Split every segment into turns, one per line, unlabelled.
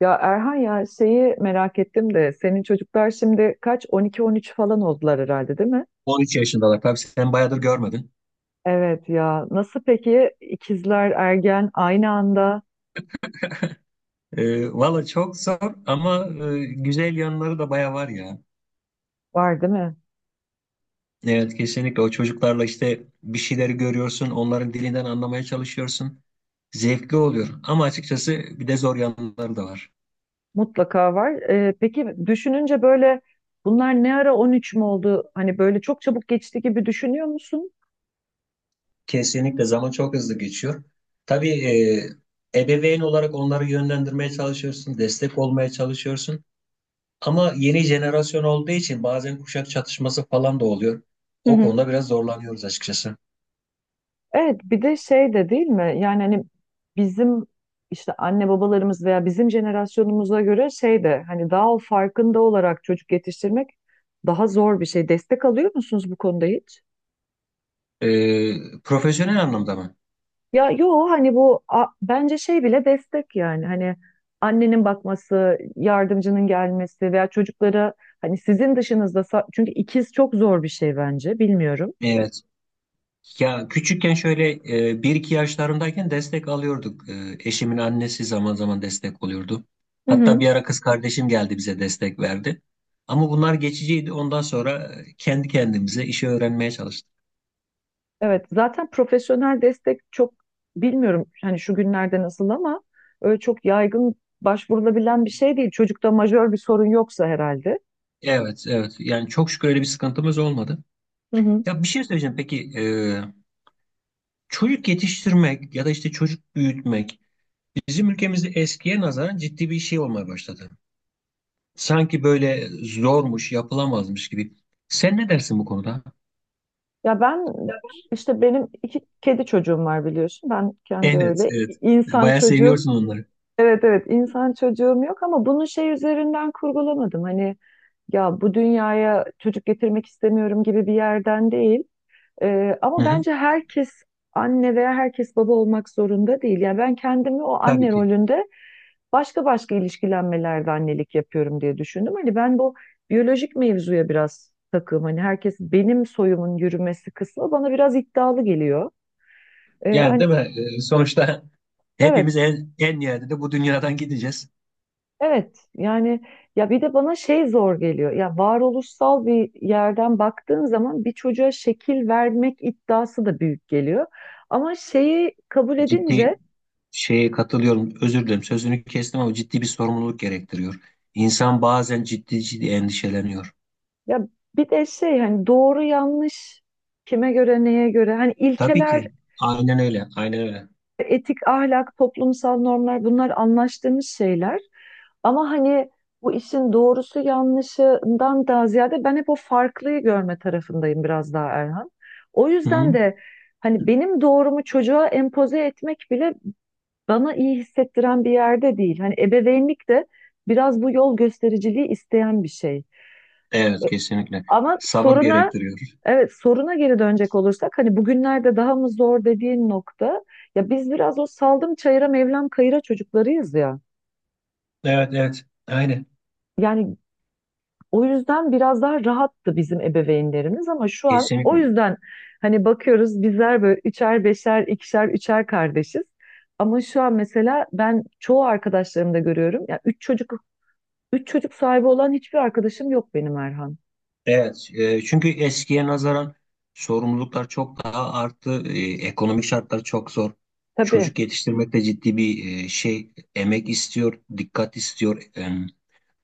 Ya Erhan, ya şeyi merak ettim de senin çocuklar şimdi kaç, 12-13 falan oldular herhalde, değil mi?
13 yaşındalar. Tabii, sen bayağıdır görmedin.
Evet ya, nasıl peki ikizler ergen aynı anda,
Valla çok zor ama güzel yanları da bayağı var ya.
var değil mi?
Evet, kesinlikle, o çocuklarla işte bir şeyleri görüyorsun, onların dilinden anlamaya çalışıyorsun. Zevkli oluyor ama açıkçası bir de zor yanları da var.
Mutlaka var. Peki düşününce böyle bunlar ne ara 13 mü oldu? Hani böyle çok çabuk geçti gibi düşünüyor musun?
Kesinlikle zaman çok hızlı geçiyor. Tabii, ebeveyn olarak onları yönlendirmeye çalışıyorsun, destek olmaya çalışıyorsun. Ama yeni jenerasyon olduğu için bazen kuşak çatışması falan da oluyor.
Hı
O
hı.
konuda biraz zorlanıyoruz açıkçası.
Evet, bir de şey de değil mi? Yani hani bizim işte anne babalarımız veya bizim jenerasyonumuza göre şey de, hani daha o farkında olarak çocuk yetiştirmek daha zor bir şey. Destek alıyor musunuz bu konuda hiç?
Profesyonel anlamda mı?
Ya yo, hani bence şey bile destek, yani hani annenin bakması, yardımcının gelmesi veya çocuklara hani sizin dışınızda çünkü ikiz çok zor bir şey bence, bilmiyorum.
Evet. Ya, küçükken şöyle 1-2 yaşlarımdayken destek alıyorduk. Eşimin annesi zaman zaman destek oluyordu.
Hı hı.
Hatta bir ara kız kardeşim geldi, bize destek verdi. Ama bunlar geçiciydi. Ondan sonra kendi kendimize işi öğrenmeye çalıştık.
Evet, zaten profesyonel destek çok, bilmiyorum hani şu günlerde nasıl ama öyle çok yaygın başvurulabilen bir şey değil. Çocukta majör bir sorun yoksa herhalde.
Evet, evet. Yani çok şükür öyle bir sıkıntımız olmadı.
Hı hı.
Ya, bir şey söyleyeceğim. Peki, çocuk yetiştirmek ya da işte çocuk büyütmek bizim ülkemizde eskiye nazaran ciddi bir şey olmaya başladı. Sanki böyle zormuş, yapılamazmış gibi. Sen ne dersin bu konuda?
Ya ben işte benim iki kedi çocuğum var, biliyorsun. Ben kendi
Evet,
öyle
evet.
insan
Bayağı
çocuğum.
seviyorsun onları.
Evet evet, insan çocuğum yok ama bunu şey üzerinden kurgulamadım. Hani ya bu dünyaya çocuk getirmek istemiyorum gibi bir yerden değil.
Hı
Ama
hı,
bence herkes anne veya herkes baba olmak zorunda değil. Yani ben kendimi o
tabii
anne
ki.
rolünde başka başka ilişkilenmelerde annelik yapıyorum diye düşündüm. Hani ben bu biyolojik mevzuya biraz takığım. Hani herkes benim soyumun yürümesi kısmı bana biraz iddialı geliyor. Ee,
Yani, değil
hani
mi? Sonuçta
evet,
hepimiz en nihayetinde de bu dünyadan gideceğiz.
evet. Yani ya bir de bana şey zor geliyor. Ya varoluşsal bir yerden baktığın zaman bir çocuğa şekil vermek iddiası da büyük geliyor. Ama şeyi kabul
Ciddi,
edince,
şeye katılıyorum. Özür dilerim, sözünü kestim ama ciddi bir sorumluluk gerektiriyor. İnsan bazen ciddi ciddi endişeleniyor.
ya bir de şey, hani doğru yanlış kime göre, neye göre, hani
Tabii
ilkeler,
ki. Aynen öyle. Aynen öyle.
etik, ahlak, toplumsal normlar, bunlar anlaştığımız şeyler ama hani bu işin doğrusu yanlışından daha ziyade ben hep o farklıyı görme tarafındayım biraz daha Erhan. O
Hı
yüzden
hı.
de hani benim doğrumu çocuğa empoze etmek bile bana iyi hissettiren bir yerde değil. Hani ebeveynlik de biraz bu yol göstericiliği isteyen bir şey.
Evet, kesinlikle.
Ama
Sabır
soruna,
gerektiriyor.
evet, soruna geri dönecek olursak hani bugünlerde daha mı zor dediğin nokta, ya biz biraz o saldım çayıra mevlam kayıra çocuklarıyız ya.
Evet, evet. Aynen.
Yani o yüzden biraz daha rahattı bizim ebeveynlerimiz ama şu an o
Kesinlikle.
yüzden hani bakıyoruz bizler böyle üçer beşer, ikişer üçer kardeşiz. Ama şu an mesela ben çoğu arkadaşlarımda görüyorum, ya üç çocuk, üç çocuk sahibi olan hiçbir arkadaşım yok benim Erhan.
Evet, çünkü eskiye nazaran sorumluluklar çok daha arttı. Ekonomik şartlar çok zor.
Tabii.
Çocuk yetiştirmek de ciddi bir şey, emek istiyor, dikkat istiyor.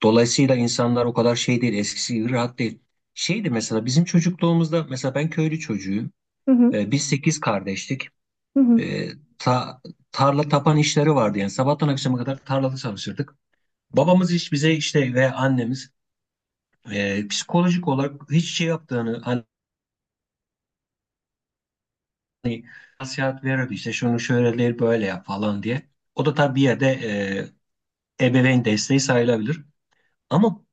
Dolayısıyla insanlar o kadar şey değil, eskisi gibi rahat değil. Şeydi mesela bizim çocukluğumuzda; mesela ben köylü çocuğuyum.
Hı hı,
Biz sekiz kardeştik.
hı hı.
E, ta- Tarla tapan işleri vardı, yani sabahtan akşama kadar tarlada çalışırdık. Babamız hiç bize işte ve annemiz psikolojik olarak hiç şey yaptığını, hani, nasihat verirdi, işte şunu şöyle değil böyle yap falan diye. O da tabii bir yerde ebeveyn desteği sayılabilir. Ama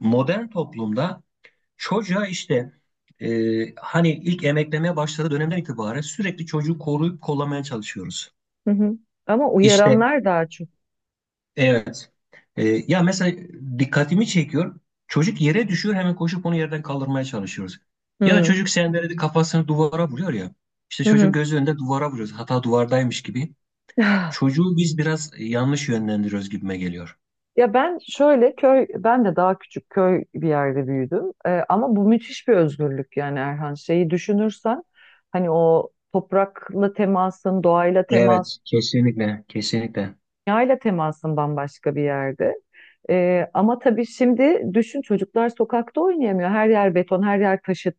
modern toplumda çocuğa işte e, hani ilk emeklemeye başladığı dönemden itibaren sürekli çocuğu koruyup kollamaya çalışıyoruz.
Hı hı. Ama
İşte
uyaranlar daha çok.
evet. Ya, mesela dikkatimi çekiyor. Çocuk yere düşüyor, hemen koşup onu yerden kaldırmaya çalışıyoruz. Ya da
Hı
çocuk sendeledi, kafasını duvara vuruyor ya. İşte
hı,
çocuğun
hı.
gözü önünde duvara vuruyoruz, hata duvardaymış gibi. Çocuğu biz biraz yanlış yönlendiriyoruz gibime geliyor.
Ya ben şöyle köy, ben de daha küçük köy bir yerde büyüdüm. Ama bu müthiş bir özgürlük, yani Erhan. Şeyi düşünürsen hani o toprakla temasın, doğayla temas,
Evet, kesinlikle, kesinlikle.
dünyayla temasın bambaşka bir yerde. Ama tabii şimdi düşün, çocuklar sokakta oynayamıyor. Her yer beton, her yer taşıt.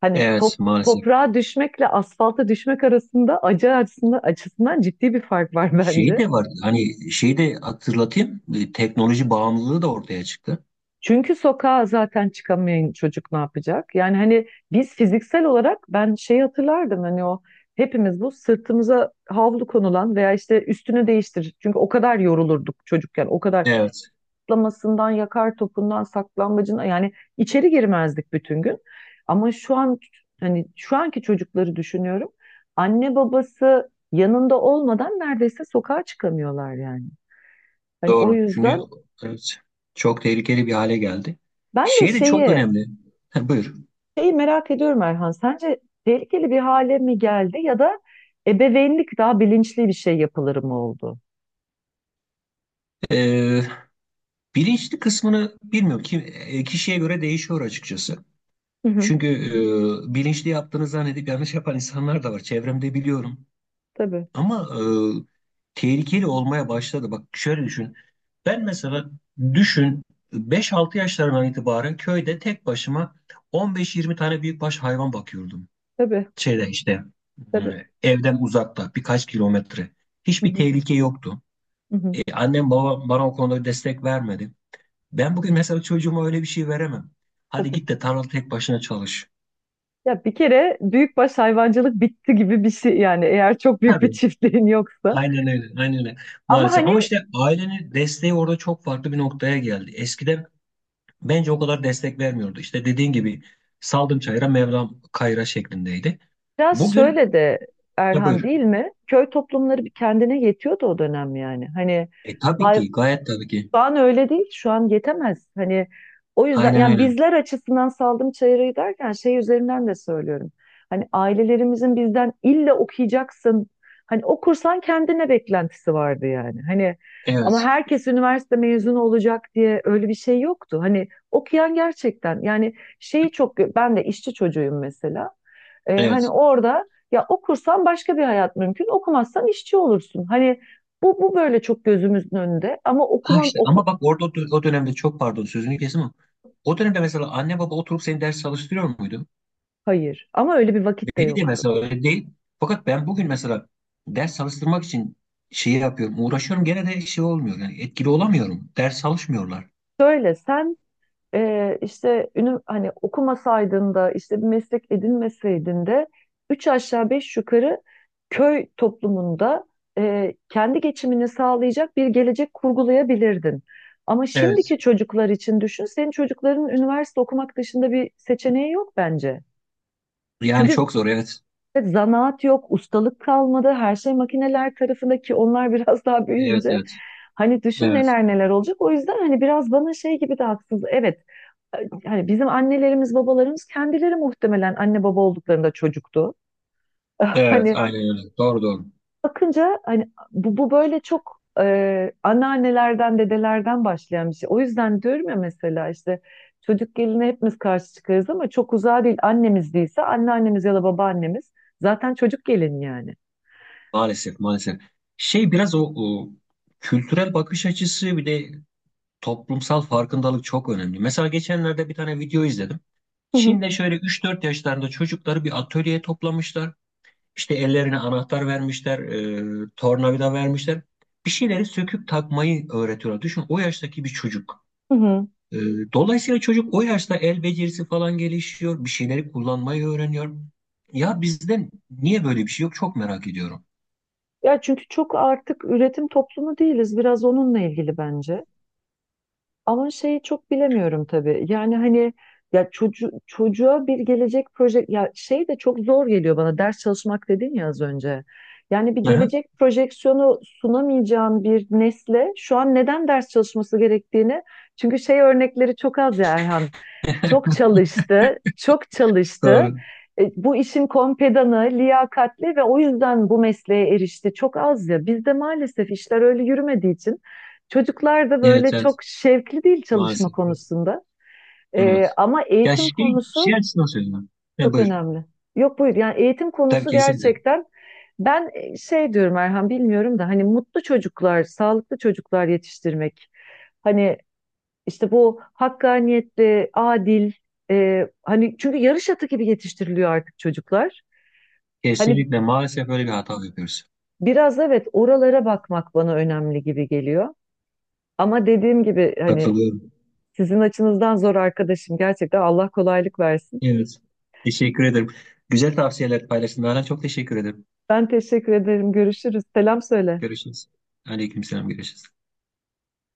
Hani
Evet,
top,
maalesef.
toprağa düşmekle asfalta düşmek arasında acı açısından, açısından ciddi bir fark var
Şey
bence.
de var, hani şey de hatırlatayım, teknoloji bağımlılığı da ortaya çıktı.
Çünkü sokağa zaten çıkamayan çocuk ne yapacak? Yani hani biz fiziksel olarak, ben şeyi hatırlardım, hani o hepimiz bu sırtımıza havlu konulan veya işte üstünü değiştir. Çünkü o kadar yorulurduk çocukken. O kadar
Evet,
atlamasından, yakar topundan, saklambacına, yani içeri girmezdik bütün gün. Ama şu an hani şu anki çocukları düşünüyorum. Anne babası yanında olmadan neredeyse sokağa çıkamıyorlar yani. Hani o
doğru. Çünkü
yüzden
evet, çok tehlikeli bir hale geldi.
ben de
Şey de çok
şeyi,
önemli. Ha, buyur.
şeyi merak ediyorum Erhan, sence tehlikeli bir hale mi geldi ya da ebeveynlik daha bilinçli bir şey yapılır mı oldu?
Ee, Bilinçli kısmını bilmiyorum ki kişiye göre değişiyor açıkçası.
Hı hı.
Çünkü bilinçli yaptığını zannedip yanlış yapan insanlar da var. Çevremde biliyorum.
Tabii,
Ama tehlikeli olmaya başladı. Bak, şöyle düşün. Ben mesela, düşün, 5-6 yaşlarından itibaren köyde tek başıma 15-20 tane büyükbaş hayvan bakıyordum.
tabii,
Şeyde işte e,
tabii.
evden uzakta birkaç kilometre.
Hı
Hiçbir
hı,
tehlike yoktu.
hı hı,
Annem babam bana o konuda destek vermedi. Ben bugün mesela çocuğuma öyle bir şey veremem. Hadi
tabii.
git de tarlada tek başına çalış.
Ya bir kere büyükbaş hayvancılık bitti gibi bir şey yani, eğer çok büyük bir
Tabii.
çiftliğin yoksa.
Aynen öyle, aynen öyle.
Ama
Maalesef. Ama
hani
işte ailenin desteği orada çok farklı bir noktaya geldi. Eskiden bence o kadar destek vermiyordu. İşte dediğin gibi saldım çayıra Mevlam kayıra şeklindeydi.
biraz
Bugün,
şöyle de
ya
Erhan,
buyur.
değil mi? Köy toplumları bir kendine yetiyordu o dönem yani. Hani
Tabii
hay,
ki, gayet tabii ki.
şu an öyle değil. Şu an yetemez. Hani o yüzden
Aynen
yani
öyle.
bizler açısından saldım çayırı derken şey üzerinden de söylüyorum. Hani ailelerimizin bizden illa okuyacaksın. Hani okursan kendine beklentisi vardı yani. Hani ama
Evet,
herkes üniversite mezunu olacak diye öyle bir şey yoktu. Hani okuyan gerçekten yani şeyi çok, ben de işçi çocuğuyum mesela. Hani
evet.
orada ya okursan başka bir hayat mümkün, okumazsan işçi olursun. Hani bu, bu böyle çok gözümüzün önünde ama
Ha,
okumam,
işte
oku,
ama bak, orada o dönemde, çok pardon sözünü kesim ama, o dönemde mesela anne baba oturup seni ders çalıştırıyor muydu?
hayır ama öyle bir vakit de
Beni de
yoktu.
mesela öyle değil. Fakat ben bugün mesela ders çalıştırmak için şeyi yapıyorum, uğraşıyorum, gene de şey olmuyor. Yani etkili olamıyorum. Ders çalışmıyorlar.
Şöyle sen işte ünü, hani okumasaydın da işte bir meslek edinmeseydin de üç aşağı beş yukarı köy toplumunda kendi geçimini sağlayacak bir gelecek kurgulayabilirdin. Ama şimdiki
Evet.
çocuklar için düşün, senin çocukların üniversite okumak dışında bir seçeneği yok bence.
Yani
Çünkü
çok zor, evet.
evet, zanaat yok, ustalık kalmadı. Her şey makineler tarafındaki onlar biraz daha
Evet,
büyüyünce
evet.
hani düşün,
Evet.
neler neler olacak. O yüzden hani biraz bana şey gibi de haksız. Evet. Hani bizim annelerimiz, babalarımız kendileri muhtemelen anne baba olduklarında çocuktu.
Evet,
Hani
aynen öyle. Doğru, doğru.
bakınca hani bu, bu böyle çok anneannelerden, dedelerden başlayan bir şey. O yüzden diyorum ya, mesela işte çocuk geline hepimiz karşı çıkarız ama çok uzağa değil. Annemiz değilse anneannemiz ya da babaannemiz zaten çocuk gelin yani.
Maalesef, maalesef. Şey, biraz o kültürel bakış açısı, bir de toplumsal farkındalık çok önemli. Mesela geçenlerde bir tane video izledim. Çin'de şöyle 3-4 yaşlarında çocukları bir atölyeye toplamışlar. İşte ellerine anahtar vermişler, tornavida vermişler. Bir şeyleri söküp takmayı öğretiyorlar. Düşün, o yaştaki bir çocuk.
Hı hı.
E, Dolayısıyla çocuk o yaşta el becerisi falan gelişiyor. Bir şeyleri kullanmayı öğreniyor. Ya bizde niye böyle bir şey yok? Çok merak ediyorum.
Ya çünkü çok artık üretim toplumu değiliz. Biraz onunla ilgili bence. Ama şeyi çok bilemiyorum tabii. Yani hani ya çocuğa bir gelecek proje, ya şey de çok zor geliyor bana. Ders çalışmak dedin ya az önce. Yani bir
Aha,
gelecek projeksiyonu sunamayacağın bir nesle şu an neden ders çalışması gerektiğini, çünkü şey örnekleri çok az ya Erhan. Çok çalıştı, çok çalıştı.
doğru.
Bu işin kompedanı, liyakatli ve o yüzden bu mesleğe erişti. Çok az ya. Bizde maalesef işler öyle yürümediği için çocuklar da
Evet,
böyle
evet.
çok şevkli değil çalışma
Maalesef.
konusunda.
Evet.
Ama
Ya,
eğitim
şey,
konusu
şey açısından söylüyorum. Ya,
çok
buyur.
önemli. Yok buyur, yani eğitim
Tabii,
konusu
kesinlikle.
gerçekten, ben şey diyorum Erhan, bilmiyorum da hani mutlu çocuklar, sağlıklı çocuklar yetiştirmek. Hani işte bu hakkaniyetli, adil, hani çünkü yarış atı gibi yetiştiriliyor artık çocuklar. Hani
Kesinlikle, maalesef böyle bir hata yapıyoruz.
biraz evet, oralara bakmak bana önemli gibi geliyor. Ama dediğim gibi hani
Katılıyorum.
sizin açınızdan zor arkadaşım. Gerçekten Allah kolaylık versin.
Evet. Teşekkür ederim. Güzel tavsiyeler paylaştın. Nalan, çok teşekkür ederim.
Ben teşekkür ederim. Görüşürüz. Selam söyle.
Görüşürüz. Aleykümselam. Görüşürüz.